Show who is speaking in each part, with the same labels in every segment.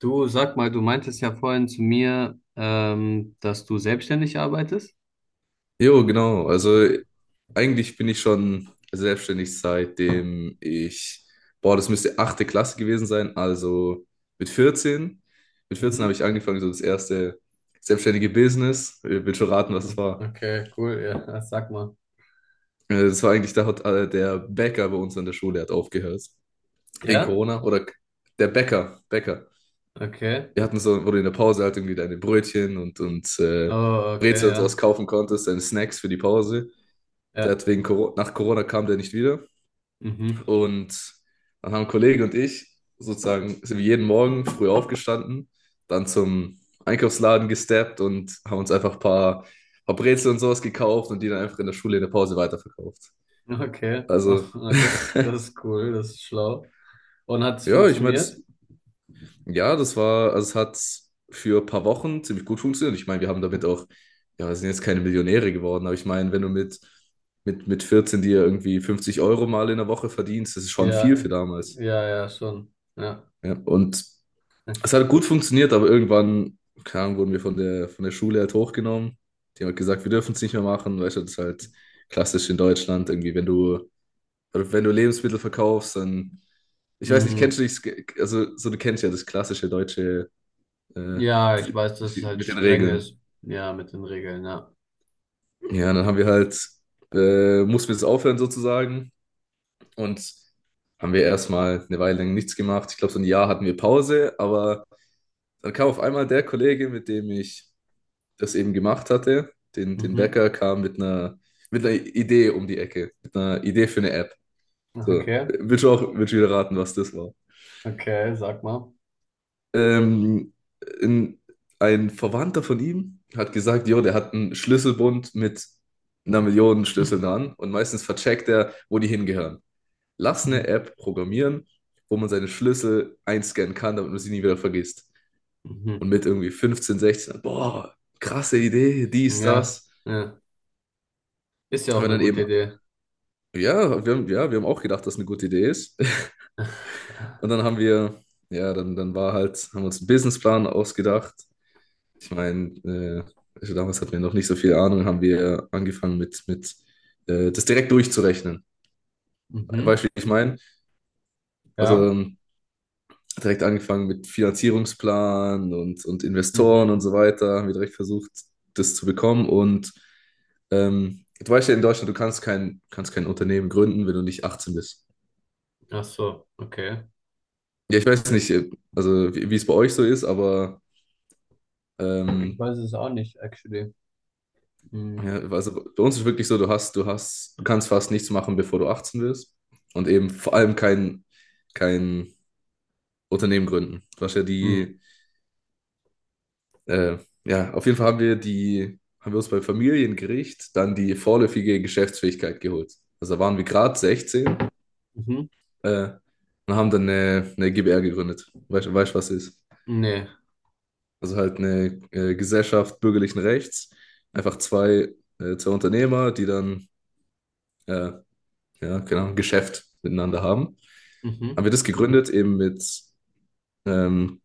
Speaker 1: Du sag mal, du meintest ja vorhin zu mir, dass du selbstständig arbeitest.
Speaker 2: Jo, genau. Also eigentlich bin ich schon selbstständig, seitdem ich, boah, das müsste achte Klasse gewesen sein. Also mit 14, mit 14 habe
Speaker 1: Mhm.
Speaker 2: ich angefangen, so das erste selbstständige Business. Ich will schon raten, was es war.
Speaker 1: Okay, cool, ja, sag mal.
Speaker 2: Das war eigentlich, da hat der Bäcker bei uns an der Schule hat aufgehört. Wegen
Speaker 1: Ja?
Speaker 2: Corona oder der Bäcker, Bäcker.
Speaker 1: Okay.
Speaker 2: Wir hatten so, wo du in der Pause halt irgendwie deine Brötchen und
Speaker 1: Oh, okay,
Speaker 2: Brezel und sowas
Speaker 1: ja.
Speaker 2: kaufen konntest, deine Snacks für die Pause. Der
Speaker 1: Ja.
Speaker 2: hat wegen Corona, nach Corona kam der nicht wieder.
Speaker 1: Mhm.
Speaker 2: Und dann haben Kollege und ich sozusagen, sind wir jeden Morgen früh aufgestanden, dann zum Einkaufsladen gesteppt und haben uns einfach ein paar Brezel und sowas gekauft und die dann einfach in der Schule in der Pause weiterverkauft.
Speaker 1: Okay. Oh,
Speaker 2: Also,
Speaker 1: das ist cool, das ist schlau. Und hat es
Speaker 2: ja, ich meine, das,
Speaker 1: funktioniert?
Speaker 2: ja, das war, also es hat für ein paar Wochen ziemlich gut funktioniert. Ich meine, wir haben damit auch, ja, wir sind jetzt keine Millionäre geworden, aber ich meine, wenn du mit 14 dir irgendwie 50 € mal in der Woche verdienst, das ist schon viel für
Speaker 1: Ja,
Speaker 2: damals.
Speaker 1: ja, ja, schon. Ja.
Speaker 2: Ja, und es hat gut funktioniert, aber irgendwann, keine Ahnung, wurden wir von der Schule halt hochgenommen. Die haben halt gesagt, wir dürfen es nicht mehr machen, weißt du, das ist halt klassisch in Deutschland irgendwie, wenn du, Lebensmittel verkaufst, dann, ich weiß nicht,
Speaker 1: Mm.
Speaker 2: kennst du dich, also so du kennst ja das klassische deutsche äh,
Speaker 1: Ja, ich weiß, dass es halt
Speaker 2: mit den
Speaker 1: streng ist.
Speaker 2: Regeln.
Speaker 1: Ja, mit den Regeln, ja.
Speaker 2: Ja, dann haben wir halt, mussten wir das aufhören sozusagen, und haben wir erstmal eine Weile lang nichts gemacht. Ich glaube, so ein Jahr hatten wir Pause, aber dann kam auf einmal der Kollege, mit dem ich das eben gemacht hatte, den
Speaker 1: Mhm.
Speaker 2: Bäcker, kam mit einer Idee um die Ecke, mit einer Idee für eine App. So,
Speaker 1: Okay,
Speaker 2: willst du auch, willst du wieder raten, was das war?
Speaker 1: okay, sag mal.
Speaker 2: Ähm, ein, ein Verwandter von ihm hat gesagt, jo, der hat einen Schlüsselbund mit einer Million Schlüsseln dran und meistens vercheckt er, wo die hingehören. Lass eine
Speaker 1: Mhm.
Speaker 2: App programmieren, wo man seine Schlüssel einscannen kann, damit man sie nie wieder vergisst.
Speaker 1: Mhm.
Speaker 2: Und mit irgendwie 15, 16, boah, krasse Idee, dies,
Speaker 1: Ja,
Speaker 2: das,
Speaker 1: ja. Ist ja auch
Speaker 2: haben wir
Speaker 1: eine
Speaker 2: dann
Speaker 1: gute
Speaker 2: eben.
Speaker 1: Idee.
Speaker 2: Ja, wir haben auch gedacht, dass eine gute Idee ist. Und dann haben wir, ja, dann war halt, haben wir uns einen Businessplan ausgedacht. Ich meine, also damals hatten wir noch nicht so viel Ahnung, haben wir angefangen mit das direkt durchzurechnen. Weißt
Speaker 1: Mhm.
Speaker 2: du, wie ich meine? Also
Speaker 1: Ja.
Speaker 2: direkt angefangen mit Finanzierungsplan und Investoren und
Speaker 1: Mhm.
Speaker 2: so weiter, haben wir direkt versucht, das zu bekommen. Und du weißt ja in Deutschland, du kannst kein Unternehmen gründen, wenn du nicht 18 bist.
Speaker 1: Ach so, okay.
Speaker 2: Ja, ich weiß nicht, also wie es bei euch so ist, aber
Speaker 1: Ich
Speaker 2: ähm,
Speaker 1: weiß es auch nicht, actually. Mhm.
Speaker 2: ja, also bei uns ist wirklich so, du hast, du kannst fast nichts machen, bevor du 18 wirst. Und eben vor allem kein Unternehmen gründen. Du hast ja
Speaker 1: Mhm.
Speaker 2: die, äh, ja, auf jeden Fall haben wir uns beim Familiengericht dann die vorläufige Geschäftsfähigkeit geholt. Also da waren wir gerade sechzehn,
Speaker 1: Mhm.
Speaker 2: äh, und haben dann eine GbR gegründet. Weißt du, weißt, was es ist?
Speaker 1: Nee.
Speaker 2: Also halt eine Gesellschaft bürgerlichen Rechts. Einfach zwei Unternehmer, die dann, äh, ja, keine Ahnung, Geschäft miteinander haben. Haben
Speaker 1: Mhm.
Speaker 2: wir das gegründet, eben mit, ähm,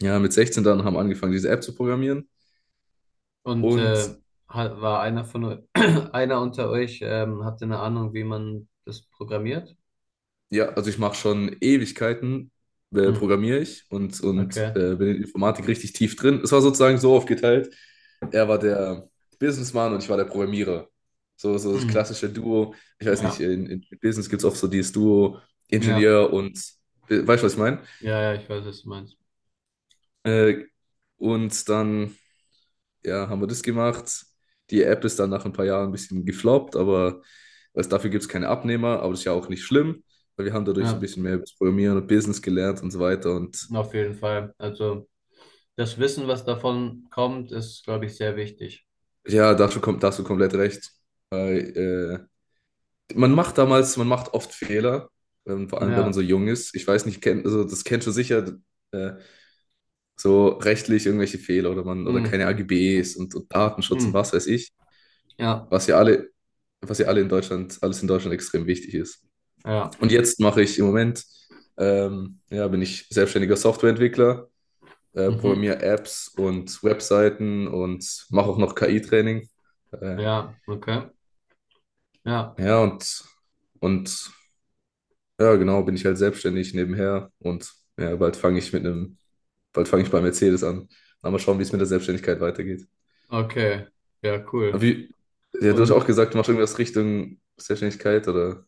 Speaker 2: ja, mit 16 dann haben wir angefangen, diese App zu programmieren.
Speaker 1: Und
Speaker 2: Und
Speaker 1: war einer von einer unter euch, habt ihr eine Ahnung, wie man das programmiert?
Speaker 2: ja, also ich mache schon Ewigkeiten,
Speaker 1: Mhm.
Speaker 2: programmiere ich und, und
Speaker 1: Okay.
Speaker 2: äh, bin in Informatik richtig tief drin. Es war sozusagen so aufgeteilt. Er war der Businessman und ich war der Programmierer. So, so das
Speaker 1: Mhm.
Speaker 2: klassische Duo. Ich weiß nicht,
Speaker 1: Ja.
Speaker 2: in Business gibt es oft so dieses Duo
Speaker 1: Ja.
Speaker 2: Ingenieur und, weißt du, was ich meine?
Speaker 1: Ja, ja, ich weiß, was du meinst.
Speaker 2: Äh, und dann ja, haben wir das gemacht. Die App ist dann nach ein paar Jahren ein bisschen gefloppt, aber also dafür gibt es keine Abnehmer, aber das ist ja auch nicht schlimm, weil wir haben dadurch so ein
Speaker 1: Ja,
Speaker 2: bisschen mehr über das Programmieren und Business gelernt und so weiter. Und
Speaker 1: auf jeden Fall. Also das Wissen, was davon kommt, ist, glaube ich, sehr wichtig.
Speaker 2: ja, dazu kommt, da hast du komplett recht. Weil, man macht damals, man macht oft Fehler, vor allem, wenn man so
Speaker 1: Ja.
Speaker 2: jung ist. Ich weiß nicht, kennt, also das kennst du sicher, äh, so rechtlich irgendwelche Fehler oder man oder keine
Speaker 1: Hm.
Speaker 2: AGBs und Datenschutz und
Speaker 1: Hm.
Speaker 2: was weiß ich,
Speaker 1: Ja.
Speaker 2: was ja alle, was ja alle in Deutschland, alles in Deutschland extrem wichtig ist.
Speaker 1: Ja.
Speaker 2: Und jetzt mache ich im Moment, ja, bin ich selbstständiger Softwareentwickler,
Speaker 1: Mhm.
Speaker 2: programmiere Apps und Webseiten und mache auch noch KI-Training. Äh,
Speaker 1: Ja, okay. Ja.
Speaker 2: ja, und ja, genau, bin ich halt selbstständig nebenher und ja, bald fange ich bei Mercedes an. Dann mal schauen, wie es mit der Selbstständigkeit weitergeht.
Speaker 1: Okay. Ja,
Speaker 2: Aber
Speaker 1: cool.
Speaker 2: wie, ja, du hast auch
Speaker 1: Und
Speaker 2: gesagt, du machst irgendwas Richtung Selbstständigkeit oder,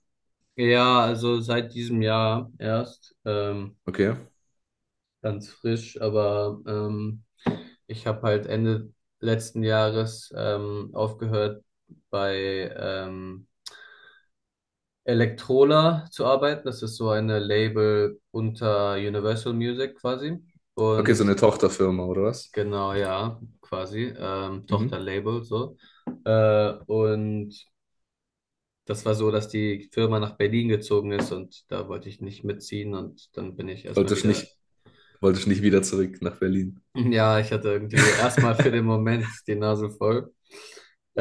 Speaker 1: ja, also seit diesem Jahr erst,
Speaker 2: okay.
Speaker 1: ganz frisch, aber ich habe halt Ende letzten Jahres aufgehört bei Electrola zu arbeiten. Das ist so eine Label unter Universal Music quasi.
Speaker 2: Okay, so eine
Speaker 1: Und
Speaker 2: Tochterfirma oder was?
Speaker 1: genau, ja, quasi,
Speaker 2: Mhm.
Speaker 1: Tochterlabel so. Und das war so, dass die Firma nach Berlin gezogen ist und da wollte ich nicht mitziehen und dann bin ich erstmal
Speaker 2: Wolltest
Speaker 1: wieder.
Speaker 2: nicht, wolltest nicht, wieder zurück nach Berlin.
Speaker 1: Ja, ich hatte irgendwie erstmal für den Moment die Nase voll.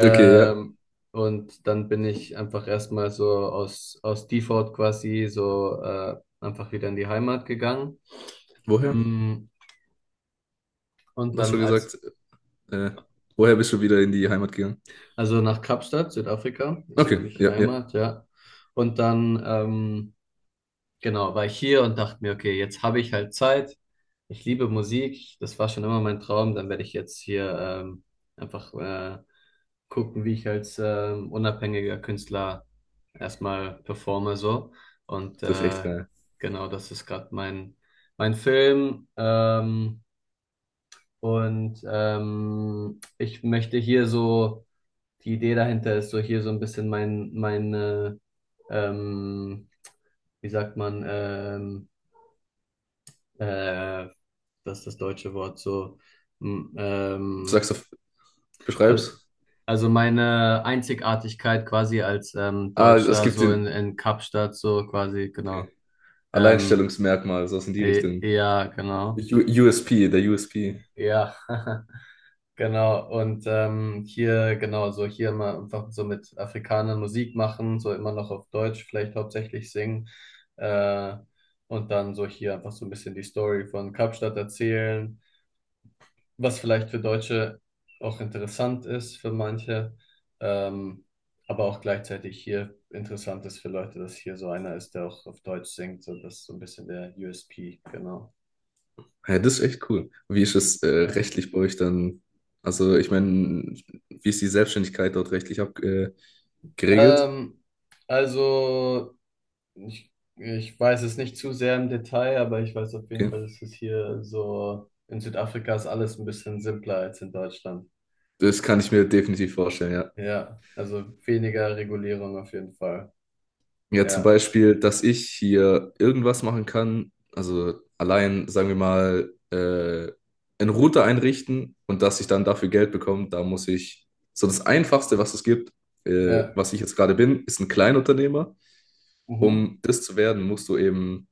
Speaker 2: Okay, ja.
Speaker 1: und dann bin ich einfach erstmal so aus Default quasi so einfach wieder in die Heimat gegangen.
Speaker 2: Woher?
Speaker 1: Mm, und
Speaker 2: Du hast schon gesagt, äh, woher bist du wieder in die Heimat gegangen?
Speaker 1: also nach Kapstadt, Südafrika, ist für
Speaker 2: Okay,
Speaker 1: mich
Speaker 2: ja, ja.
Speaker 1: Heimat, ja. Und dann genau, war ich hier und dachte mir, okay, jetzt habe ich halt Zeit. Ich liebe Musik. Das war schon immer mein Traum. Dann werde ich jetzt hier einfach gucken, wie ich als unabhängiger Künstler erstmal performe so. Und
Speaker 2: Das ist echt geil.
Speaker 1: genau, das ist gerade mein Film. Ich möchte hier so, die Idee dahinter ist so hier so ein bisschen meine, ähm, wie sagt man, äh, das ist das deutsche Wort so. m-
Speaker 2: Du
Speaker 1: Ähm,
Speaker 2: sagst, beschreib's.
Speaker 1: al- also meine Einzigartigkeit quasi als
Speaker 2: Ah, es
Speaker 1: Deutscher
Speaker 2: gibt
Speaker 1: so
Speaker 2: den,
Speaker 1: in Kapstadt so quasi,
Speaker 2: okay.
Speaker 1: genau. Ähm,
Speaker 2: Alleinstellungsmerkmal, sowas in die Richtung.
Speaker 1: ja, genau.
Speaker 2: U USP, der U S P.
Speaker 1: Ja, genau. Und hier, genau, so hier mal einfach so mit Afrikanern Musik machen, so immer noch auf Deutsch vielleicht hauptsächlich singen. Äh, und dann so hier einfach so ein bisschen die Story von Kapstadt erzählen, was vielleicht für Deutsche auch interessant ist für manche, ähm, aber auch gleichzeitig hier interessant ist für Leute, dass hier so einer ist, der auch auf Deutsch singt. So, das ist so ein bisschen der USP, genau.
Speaker 2: Ja, das ist echt cool. Wie ist es,
Speaker 1: Ja.
Speaker 2: rechtlich bei euch dann? Also, ich meine, wie ist die Selbstständigkeit dort rechtlich geregelt?
Speaker 1: Ähm, also, ich weiß es nicht zu sehr im Detail, aber ich weiß auf jeden
Speaker 2: Okay.
Speaker 1: Fall, dass es hier so in Südafrika ist alles ein bisschen simpler als in Deutschland.
Speaker 2: Das kann ich mir definitiv vorstellen, ja.
Speaker 1: Ja, also weniger Regulierung auf jeden Fall.
Speaker 2: Ja, zum
Speaker 1: Ja,
Speaker 2: Beispiel, dass ich hier irgendwas machen kann, also allein, sagen wir mal, einen Router einrichten und dass ich dann dafür Geld bekomme, da muss ich, so das Einfachste, was es gibt,
Speaker 1: ja,
Speaker 2: was ich jetzt gerade bin, ist ein Kleinunternehmer.
Speaker 1: mhm.
Speaker 2: Um das zu werden, musst du eben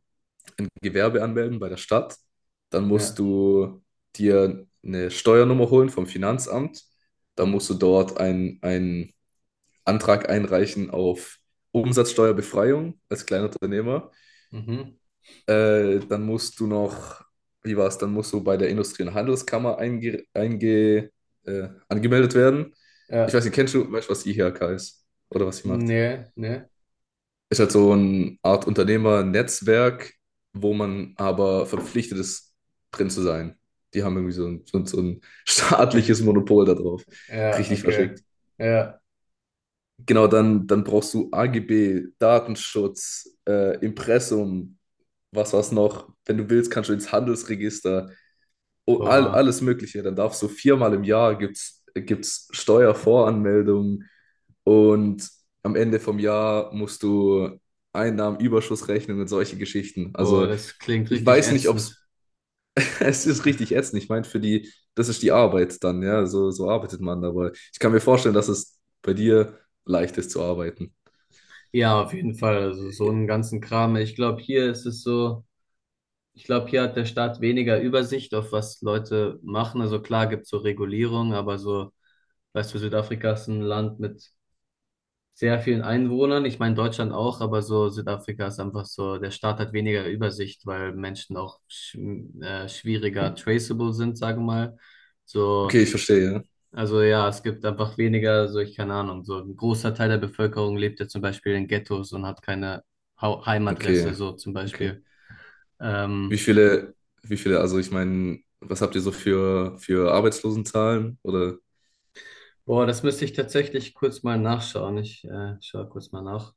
Speaker 2: Gewerbe anmelden bei der Stadt. Dann
Speaker 1: Ja.
Speaker 2: musst du dir eine Steuernummer holen vom Finanzamt. Dann
Speaker 1: Mhm.
Speaker 2: musst du dort einen Antrag einreichen auf Umsatzsteuerbefreiung als Kleinunternehmer.
Speaker 1: Mhm.
Speaker 2: Dann musst du noch, wie war es, dann musst du bei der Industrie- und Handelskammer angemeldet werden. Ich
Speaker 1: Ja,
Speaker 2: weiß nicht, weißt du, was die IHK ist oder was sie macht?
Speaker 1: nee, nee.
Speaker 2: Ist halt so eine Art Unternehmernetzwerk, wo man aber verpflichtet ist, drin zu sein. Die haben irgendwie so ein
Speaker 1: Okay.
Speaker 2: staatliches Monopol darauf.
Speaker 1: Ja,
Speaker 2: Richtig
Speaker 1: okay.
Speaker 2: verschickt.
Speaker 1: Ja.
Speaker 2: Genau, dann brauchst du AGB, Datenschutz, Impressum, was war's noch? Wenn du willst, kannst du ins Handelsregister. Oh,
Speaker 1: Boah,
Speaker 2: alles Mögliche. Dann darfst du viermal im Jahr gibt's Steuervoranmeldung, und am Ende vom Jahr musst du Einnahmenüberschuss rechnen und solche Geschichten.
Speaker 1: Boah,
Speaker 2: Also
Speaker 1: das klingt
Speaker 2: ich
Speaker 1: richtig
Speaker 2: weiß nicht, ob
Speaker 1: ätzend.
Speaker 2: es es ist richtig ätzend. Ich meine, für die, das ist die Arbeit dann, ja, so arbeitet man. Aber ich kann mir vorstellen, dass es bei dir leicht ist zu arbeiten.
Speaker 1: Ja, auf jeden Fall. Also so einen ganzen Kram. Ich glaube, hier ist es so, ich glaube, hier hat der Staat weniger Übersicht auf was Leute machen. Also klar gibt's so Regulierung, aber so, weißt du, Südafrika ist ein Land mit sehr vielen Einwohnern. Ich meine Deutschland auch, aber so Südafrika ist einfach so, der Staat hat weniger Übersicht, weil Menschen auch schwieriger traceable sind, sage mal.
Speaker 2: Okay,
Speaker 1: So.
Speaker 2: ich verstehe, ja.
Speaker 1: Also ja, es gibt einfach weniger, so ich keine Ahnung, so ein großer Teil der Bevölkerung lebt ja zum Beispiel in Ghettos und hat keine Heimadresse,
Speaker 2: Okay,
Speaker 1: so zum
Speaker 2: okay.
Speaker 1: Beispiel.
Speaker 2: Wie
Speaker 1: Ähm,
Speaker 2: viele, wie viele, also ich meine, was habt ihr so für Arbeitslosenzahlen? Oder
Speaker 1: Boah, das müsste ich tatsächlich kurz mal nachschauen. Ich schaue kurz mal nach.